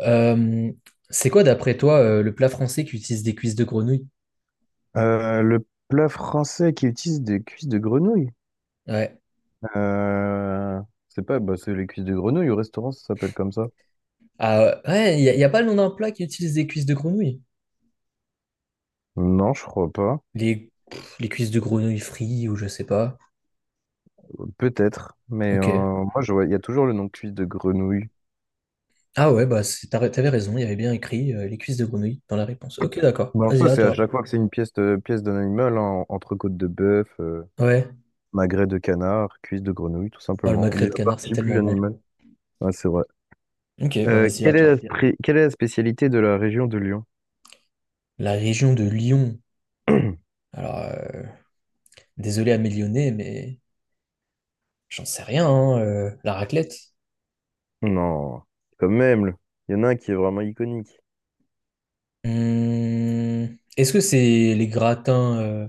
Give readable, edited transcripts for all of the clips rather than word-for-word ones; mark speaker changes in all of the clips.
Speaker 1: Euh, c'est quoi, d'après toi, le plat français qui utilise des cuisses de grenouille?
Speaker 2: Le plat français qui utilise des cuisses de grenouille.
Speaker 1: Ouais.
Speaker 2: Euh, c'est pas, bah, c'est les cuisses de grenouille au restaurant, ça s'appelle comme ça.
Speaker 1: Ah ouais, il n'y a, pas le nom d'un plat qui utilise des cuisses de grenouille.
Speaker 2: Non, je crois pas.
Speaker 1: Les cuisses de grenouille frites ou je sais pas.
Speaker 2: Peut-être, mais
Speaker 1: Ok.
Speaker 2: moi, je vois, il y a toujours le nom de cuisse de grenouille.
Speaker 1: Ah ouais, bah t'avais raison, il y avait bien écrit les cuisses de grenouille dans la réponse. Ok, d'accord.
Speaker 2: Mais en
Speaker 1: Vas-y,
Speaker 2: soi,
Speaker 1: à
Speaker 2: c'est à
Speaker 1: toi.
Speaker 2: chaque fois que c'est une pièce, pièce d'un animal, hein, entrecôte de bœuf,
Speaker 1: Ouais.
Speaker 2: magret de canard, cuisse de grenouille, tout
Speaker 1: Oh, le
Speaker 2: simplement. On
Speaker 1: magret
Speaker 2: dit
Speaker 1: de
Speaker 2: la
Speaker 1: canard, c'est
Speaker 2: partie plus
Speaker 1: tellement bon.
Speaker 2: l'animal. Ouais, c'est vrai.
Speaker 1: Ok, bah vas-y, à
Speaker 2: Quelle est la,
Speaker 1: toi.
Speaker 2: quelle est la spécialité de la région de Lyon?
Speaker 1: La région de Lyon. Alors, désolé à mes Lyonnais, mais j'en sais rien, hein, la raclette.
Speaker 2: Non, quand même. Il y en a un qui est vraiment iconique.
Speaker 1: Est-ce que c'est les gratins,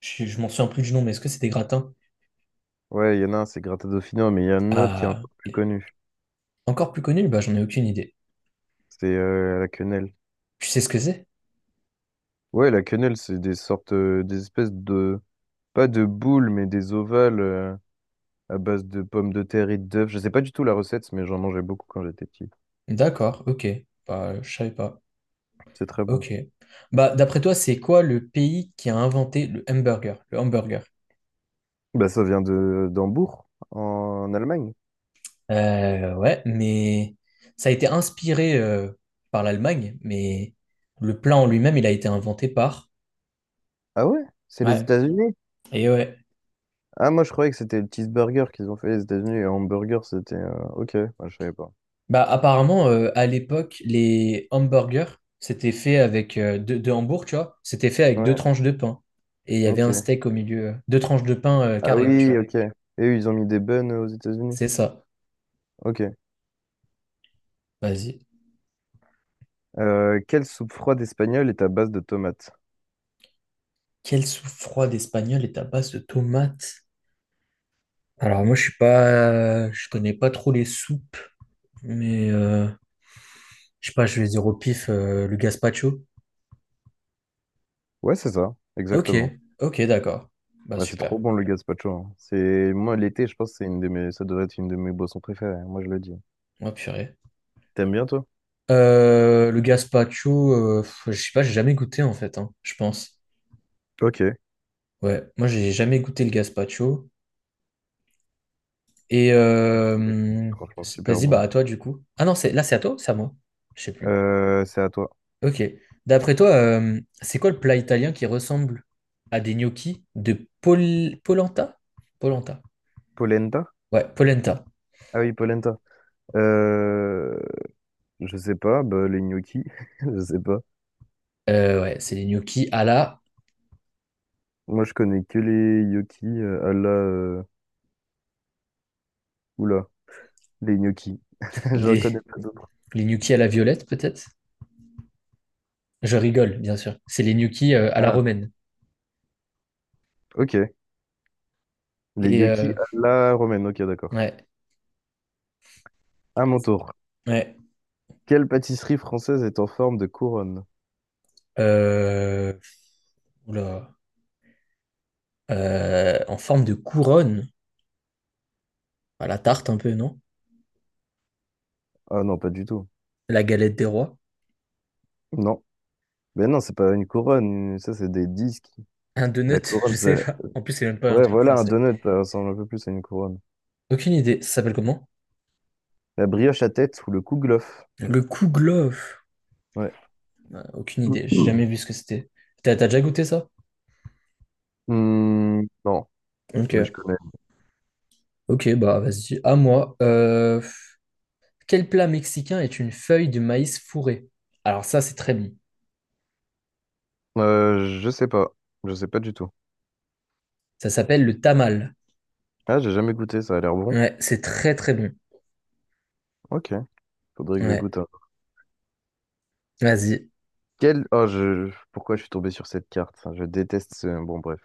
Speaker 1: je m'en souviens plus du nom, mais est-ce que c'est des gratins.
Speaker 2: Ouais, il y en a un, c'est Gratta Dauphinois, mais il y en a un autre qui est
Speaker 1: Ah,
Speaker 2: encore plus
Speaker 1: ok.
Speaker 2: connu.
Speaker 1: Encore plus connus? Bah, j'en ai aucune idée.
Speaker 2: C'est la quenelle.
Speaker 1: Tu sais ce que c'est?
Speaker 2: Ouais, la quenelle, c'est des sortes, des espèces de, pas de boules, mais des ovales à base de pommes de terre et d'œufs. Je sais pas du tout la recette, mais j'en mangeais beaucoup quand j'étais petit.
Speaker 1: D'accord, ok. Bah, je savais pas.
Speaker 2: C'est très bon.
Speaker 1: Ok. Bah, d'après toi, c'est quoi le pays qui a inventé le hamburger, le hamburger?
Speaker 2: Bah, ça vient de d'Hambourg, en Allemagne.
Speaker 1: Ouais, mais ça a été inspiré par l'Allemagne, mais le plat en lui-même, il a été inventé par...
Speaker 2: Ah ouais? C'est les
Speaker 1: Ouais,
Speaker 2: États-Unis?
Speaker 1: et ouais.
Speaker 2: Ah, moi, je croyais que c'était le cheeseburger qu'ils ont fait les États-Unis. Et hamburger, c'était. Ok, moi, je savais pas.
Speaker 1: Bah, apparemment, à l'époque, les hamburgers, c'était fait avec deux hambourgs, tu vois. C'était fait avec deux
Speaker 2: Ouais,
Speaker 1: tranches de pain. Et il y avait un
Speaker 2: ok.
Speaker 1: steak au milieu. Deux tranches de pain
Speaker 2: Ah
Speaker 1: carré, tu
Speaker 2: oui,
Speaker 1: vois.
Speaker 2: ok. Et eux, ils ont mis des buns aux États-Unis.
Speaker 1: C'est ça.
Speaker 2: Ok.
Speaker 1: Vas-y.
Speaker 2: Quelle soupe froide espagnole est à base de tomates?
Speaker 1: Quelle soupe froide espagnole est à base de tomates? Alors moi, je suis pas, je connais pas trop les soupes, mais je sais pas, je vais dire au pif le gazpacho.
Speaker 2: Ouais, c'est ça,
Speaker 1: Ok,
Speaker 2: exactement.
Speaker 1: ok, d'accord. Bah
Speaker 2: Bah, c'est trop
Speaker 1: super.
Speaker 2: bon le gazpacho, hein. C'est moi l'été, je pense que c'est une de mes, ça devrait être une de mes boissons préférées. Moi, je le dis.
Speaker 1: Oh, purée.
Speaker 2: T'aimes bien toi?
Speaker 1: Le gazpacho, je sais pas, j'ai jamais goûté en fait, hein, je pense.
Speaker 2: Ok.
Speaker 1: Ouais, moi j'ai jamais goûté le gazpacho. Et
Speaker 2: Franchement, super
Speaker 1: vas-y, bah
Speaker 2: bon.
Speaker 1: à toi du coup. Ah non, c'est là c'est à toi, ou c'est à moi. Je sais plus.
Speaker 2: C'est à toi.
Speaker 1: Ok. D'après toi, c'est quoi le plat italien qui ressemble à des gnocchis de polenta? Polenta.
Speaker 2: Polenta?
Speaker 1: Ouais, polenta.
Speaker 2: Ah oui, polenta. Euh, je sais pas. Bah, les gnocchis. Je sais pas.
Speaker 1: Ouais, c'est les gnocchis à la...
Speaker 2: Moi, je connais que les gnocchis à la. Oula, les gnocchis. Je
Speaker 1: les
Speaker 2: reconnais pas d'autres.
Speaker 1: les gnocchis à la violette peut-être. Je rigole, bien sûr. C'est les gnocchis à la
Speaker 2: Ah,
Speaker 1: romaine.
Speaker 2: ok. Les
Speaker 1: Et
Speaker 2: gnocchis
Speaker 1: euh,
Speaker 2: à la romaine. Ok, d'accord.
Speaker 1: ouais,
Speaker 2: À mon tour.
Speaker 1: ouais.
Speaker 2: Quelle pâtisserie française est en forme de couronne?
Speaker 1: Euh, Oula. En forme de couronne. Bah, la tarte un peu, non?
Speaker 2: Ah non, pas du tout.
Speaker 1: La galette des rois?
Speaker 2: Non. Ben non, c'est pas une couronne. Ça, c'est des disques.
Speaker 1: Un
Speaker 2: La
Speaker 1: donut? Je
Speaker 2: couronne,
Speaker 1: sais
Speaker 2: ça...
Speaker 1: pas. En plus, c'est même pas un
Speaker 2: Ouais,
Speaker 1: truc
Speaker 2: voilà, un
Speaker 1: français.
Speaker 2: donut, ça ressemble un peu plus à une couronne.
Speaker 1: Aucune idée. Ça s'appelle comment?
Speaker 2: La brioche à tête ou le kouglof.
Speaker 1: Le kouglof.
Speaker 2: Ouais.
Speaker 1: Aucune idée. J'ai jamais vu ce que c'était. T'as déjà goûté ça?
Speaker 2: Hmm, non,
Speaker 1: Ok.
Speaker 2: mais je connais.
Speaker 1: Ok, bah vas-y. À moi. Quel plat mexicain est une feuille de maïs fourrée? Alors ça, c'est très bon.
Speaker 2: Je sais pas. Je sais pas du tout.
Speaker 1: Ça s'appelle le tamal.
Speaker 2: Ah, j'ai jamais goûté, ça a l'air bon.
Speaker 1: Ouais, c'est très très bon.
Speaker 2: Ok, faudrait que je
Speaker 1: Ouais.
Speaker 2: goûte un.
Speaker 1: Vas-y.
Speaker 2: Pourquoi je suis tombé sur cette carte? Bon, bref.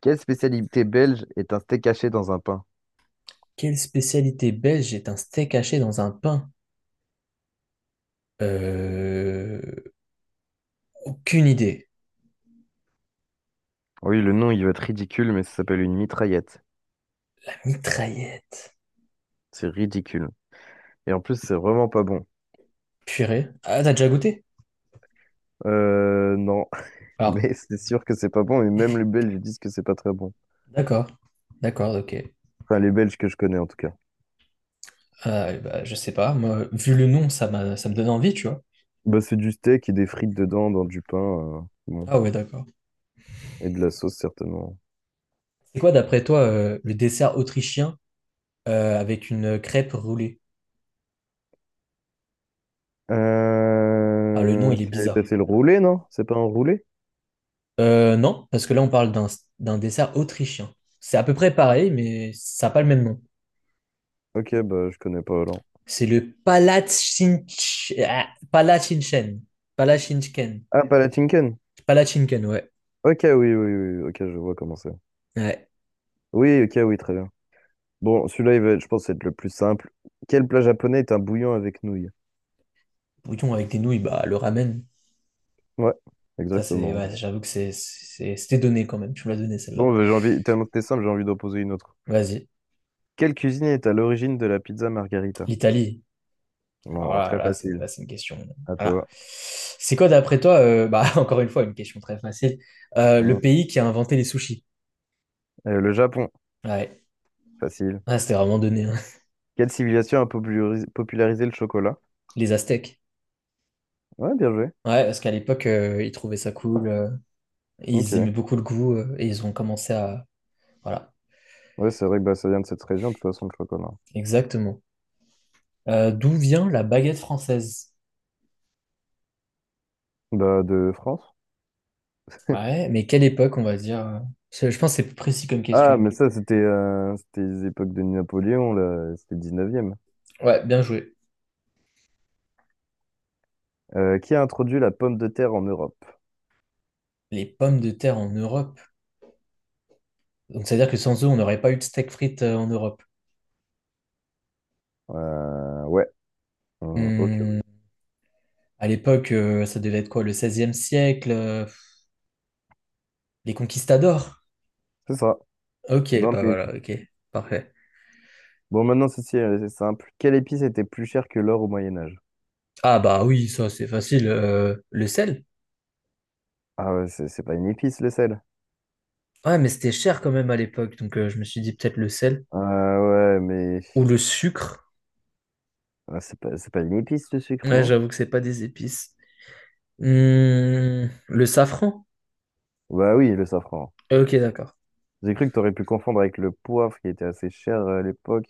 Speaker 2: Quelle spécialité belge est un steak haché dans un pain?
Speaker 1: Quelle spécialité belge est un steak haché dans un pain? Euh... Aucune idée.
Speaker 2: Oui, le nom, il va être ridicule, mais ça s'appelle une mitraillette.
Speaker 1: La Mitraillette.
Speaker 2: C'est ridicule. Et en plus, c'est vraiment pas bon.
Speaker 1: Purée. Ah, t'as déjà goûté?
Speaker 2: Non.
Speaker 1: Alors,
Speaker 2: Mais c'est sûr que c'est pas bon, et même les Belges disent que c'est pas très bon.
Speaker 1: d'accord. D'accord, ok.
Speaker 2: Enfin, les Belges que je connais, en tout cas.
Speaker 1: Ah, bah, je sais pas. Moi, vu le nom, ça me donne envie, tu vois.
Speaker 2: Bah, c'est du steak et des frites dedans, dans du pain, bon.
Speaker 1: Ah ouais, d'accord.
Speaker 2: Et de la sauce, certainement.
Speaker 1: C'est quoi, d'après toi, le dessert autrichien avec une crêpe roulée? Ah, le nom, il est bizarre.
Speaker 2: C'est le roulé, non? C'est pas un roulé?
Speaker 1: Non, parce que là, on parle d'un dessert autrichien. C'est à peu près pareil, mais ça n'a pas le même nom.
Speaker 2: Ok, bah, je connais pas Hollande.
Speaker 1: C'est le Palatschinken. Palatschinken.
Speaker 2: Ah, Palatinken?
Speaker 1: Palatschinken, ouais.
Speaker 2: Ok, oui, ok, je vois comment c'est.
Speaker 1: Ouais.
Speaker 2: Oui, ok, oui, très bien. Bon, celui-là, je pense, être le plus simple. Quel plat japonais est un bouillon avec nouilles?
Speaker 1: Bouillon avec des nouilles, bah, le ramen.
Speaker 2: Ouais,
Speaker 1: Ça, c'est,
Speaker 2: exactement.
Speaker 1: ouais, j'avoue que c'était donné quand même. Tu me l'as donné celle-là.
Speaker 2: Bon, bah, j'ai envie, tellement que t'es simple, j'ai envie d'en poser une autre.
Speaker 1: Vas-y.
Speaker 2: Quelle cuisine est à l'origine de la pizza margarita?
Speaker 1: L'Italie. Alors
Speaker 2: Bon,
Speaker 1: là,
Speaker 2: très facile.
Speaker 1: là, c'est une question.
Speaker 2: À
Speaker 1: Voilà.
Speaker 2: toi.
Speaker 1: C'est quoi, d'après toi, bah, encore une fois, une question très facile. Le
Speaker 2: Hein.
Speaker 1: pays qui a inventé les sushis.
Speaker 2: Le Japon,
Speaker 1: Ouais.
Speaker 2: facile.
Speaker 1: Ah, c'était vraiment donné, hein.
Speaker 2: Quelle civilisation a popularisé le chocolat?
Speaker 1: Les Aztèques.
Speaker 2: Ouais, bien joué.
Speaker 1: Ouais, parce qu'à l'époque, ils trouvaient ça cool. Ils aimaient
Speaker 2: Ok.
Speaker 1: beaucoup le goût et ils ont commencé à... Voilà.
Speaker 2: Ouais, c'est vrai que bah, ça vient de cette région, de toute façon, le chocolat.
Speaker 1: Exactement. D'où vient la baguette française?
Speaker 2: Bah, de France?
Speaker 1: Ouais, mais quelle époque, on va dire? Je pense que c'est plus précis comme
Speaker 2: Ah,
Speaker 1: question.
Speaker 2: mais ça, c'était les époques de Napoléon, là. C'était le 19e.
Speaker 1: Ouais, bien joué.
Speaker 2: Qui a introduit la pomme de terre en Europe?
Speaker 1: Les pommes de terre en Europe. Donc, c'est-à-dire que sans eux, on n'aurait pas eu de steak frites en Europe.
Speaker 2: Ouais. Ok,
Speaker 1: Hmm,
Speaker 2: ouais.
Speaker 1: à l'époque, ça devait être quoi, le 16e siècle, les conquistadors.
Speaker 2: C'est ça.
Speaker 1: Ok,
Speaker 2: Dans le
Speaker 1: bah
Speaker 2: mille.
Speaker 1: voilà, ok, parfait.
Speaker 2: Bon, maintenant, ceci, c'est simple. Quelle épice était plus chère que l'or au Moyen-Âge?
Speaker 1: Ah bah oui, ça c'est facile. Le sel?
Speaker 2: Ah ouais, c'est pas une épice, le sel.
Speaker 1: Ouais, mais c'était cher quand même à l'époque, donc je me suis dit peut-être le sel
Speaker 2: Ah ouais, mais...
Speaker 1: ou le sucre.
Speaker 2: ah, c'est pas une épice, le sucre,
Speaker 1: Ouais,
Speaker 2: non?
Speaker 1: j'avoue que c'est pas des épices. Le safran?
Speaker 2: Bah oui, le safran.
Speaker 1: Ok, d'accord.
Speaker 2: J'ai cru que t'aurais pu confondre avec le poivre qui était assez cher à l'époque.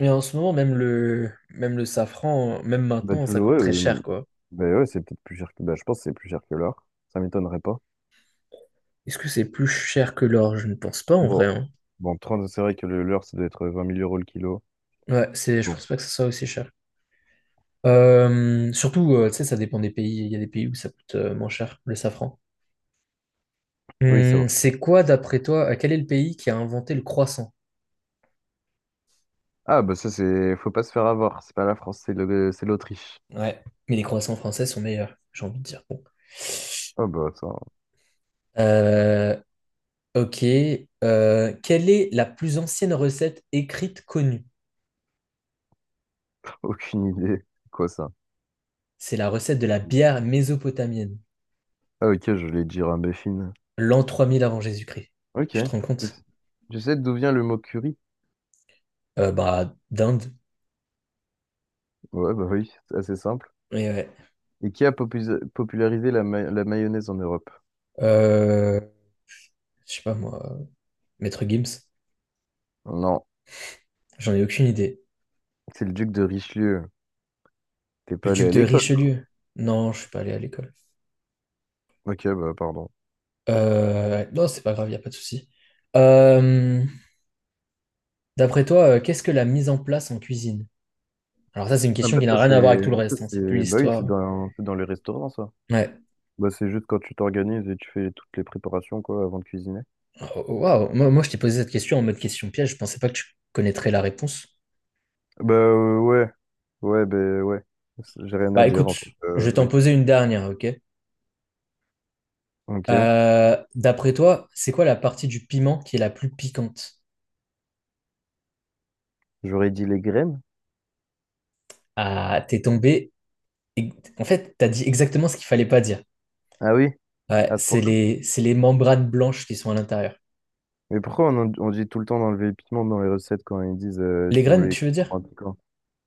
Speaker 1: Mais en ce moment, même le safran, même
Speaker 2: Bah
Speaker 1: maintenant, ça
Speaker 2: toujours,
Speaker 1: coûte très cher, quoi.
Speaker 2: bah ouais, c'est peut-être plus cher que... Bah je pense que c'est plus cher que l'or. Ça m'étonnerait pas.
Speaker 1: Est-ce que c'est plus cher que l'or? Je ne pense pas en vrai,
Speaker 2: Bon,
Speaker 1: hein.
Speaker 2: bon 30, c'est vrai que le leurre, ça doit être 20 000 euros le kilo.
Speaker 1: Ouais, c'est, je pense
Speaker 2: Bon.
Speaker 1: pas que ça soit aussi cher. Surtout, tu sais, ça dépend des pays. Il y a des pays où ça coûte moins cher, le safran.
Speaker 2: Oui, ça va.
Speaker 1: C'est quoi, d'après toi, quel est le pays qui a inventé le croissant?
Speaker 2: Ah, bah ça, c'est... Faut pas se faire avoir. C'est pas la France, c'est l'Autriche.
Speaker 1: Ouais, mais les croissants français sont meilleurs, j'ai envie de dire. Bon.
Speaker 2: Ah bah ça,
Speaker 1: Euh, ok. Quelle est la plus ancienne recette écrite connue?
Speaker 2: aucune idée. C'est quoi ça?
Speaker 1: C'est la recette de la bière mésopotamienne,
Speaker 2: Ah ok, je voulais dire un béfine.
Speaker 1: l'an 3000 avant Jésus-Christ.
Speaker 2: Ok.
Speaker 1: Tu te rends
Speaker 2: Je
Speaker 1: compte?
Speaker 2: je sais d'où vient le mot curry.
Speaker 1: Bah, d'Inde.
Speaker 2: Ouais, bah oui, c'est assez simple. Et qui a popularisé la, la mayonnaise en Europe?
Speaker 1: Euh, je sais pas moi, Maître Gims,
Speaker 2: Non,
Speaker 1: j'en ai aucune idée.
Speaker 2: c'est le duc de Richelieu. T'es
Speaker 1: Le
Speaker 2: pas allé à
Speaker 1: duc de
Speaker 2: l'école.
Speaker 1: Richelieu, non, je suis pas allé à l'école.
Speaker 2: Ok, bah pardon.
Speaker 1: Non, c'est pas grave, y a pas de souci. Euh, D'après toi, qu'est-ce que la mise en place en cuisine? Alors ça, c'est une
Speaker 2: Ah
Speaker 1: question
Speaker 2: bah
Speaker 1: qui
Speaker 2: ça
Speaker 1: n'a rien à voir avec
Speaker 2: c'est...
Speaker 1: tout le reste, hein, c'est plus
Speaker 2: Bah oui,
Speaker 1: l'histoire.
Speaker 2: c'est dans les restaurants, ça.
Speaker 1: Ouais.
Speaker 2: Bah, c'est juste quand tu t'organises et tu fais toutes les préparations quoi avant de cuisiner.
Speaker 1: Oh, oh, waouh, moi je t'ai posé cette question en mode question piège, je pensais pas que tu connaîtrais la réponse.
Speaker 2: Bah euh, ouais, ouais, bah ouais. J'ai rien à
Speaker 1: Bah
Speaker 2: dire
Speaker 1: écoute,
Speaker 2: en fait.
Speaker 1: je vais t'en
Speaker 2: Oui.
Speaker 1: poser une dernière, ok?
Speaker 2: Ok.
Speaker 1: D'après toi, c'est quoi la partie du piment qui est la plus piquante?
Speaker 2: J'aurais dit les graines.
Speaker 1: Ah, t'es tombé. Et- En fait, tu as dit exactement ce qu'il fallait pas dire.
Speaker 2: Ah oui,
Speaker 1: Ouais,
Speaker 2: à ce
Speaker 1: c'est
Speaker 2: point-là.
Speaker 1: les, c'est les membranes blanches qui sont à l'intérieur.
Speaker 2: Mais pourquoi on, on dit tout le temps d'enlever les piments dans les recettes quand ils disent
Speaker 1: Les
Speaker 2: si vous
Speaker 1: graines,
Speaker 2: voulez
Speaker 1: tu veux dire?
Speaker 2: en piquant?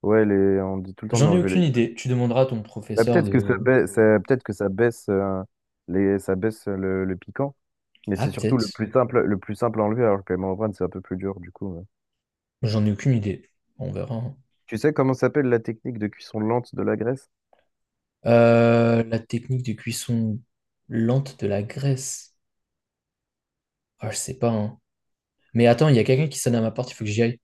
Speaker 2: Ouais, on dit tout le temps
Speaker 1: J'en ai
Speaker 2: d'enlever les
Speaker 1: aucune
Speaker 2: graines.
Speaker 1: idée. Tu demanderas à ton
Speaker 2: Bah,
Speaker 1: professeur de...
Speaker 2: peut-être que ça baisse ça baisse le piquant, mais
Speaker 1: Ah,
Speaker 2: c'est surtout
Speaker 1: peut-être.
Speaker 2: le plus simple à enlever alors que les membranes c'est un peu plus dur du coup, ouais.
Speaker 1: J'en ai aucune idée. On verra, hein.
Speaker 2: Tu sais comment s'appelle la technique de cuisson lente de la graisse?
Speaker 1: La technique de cuisson lente de la graisse. Ah, je sais pas, hein. Mais attends, il y a quelqu'un qui sonne à ma porte, il faut que j'y aille.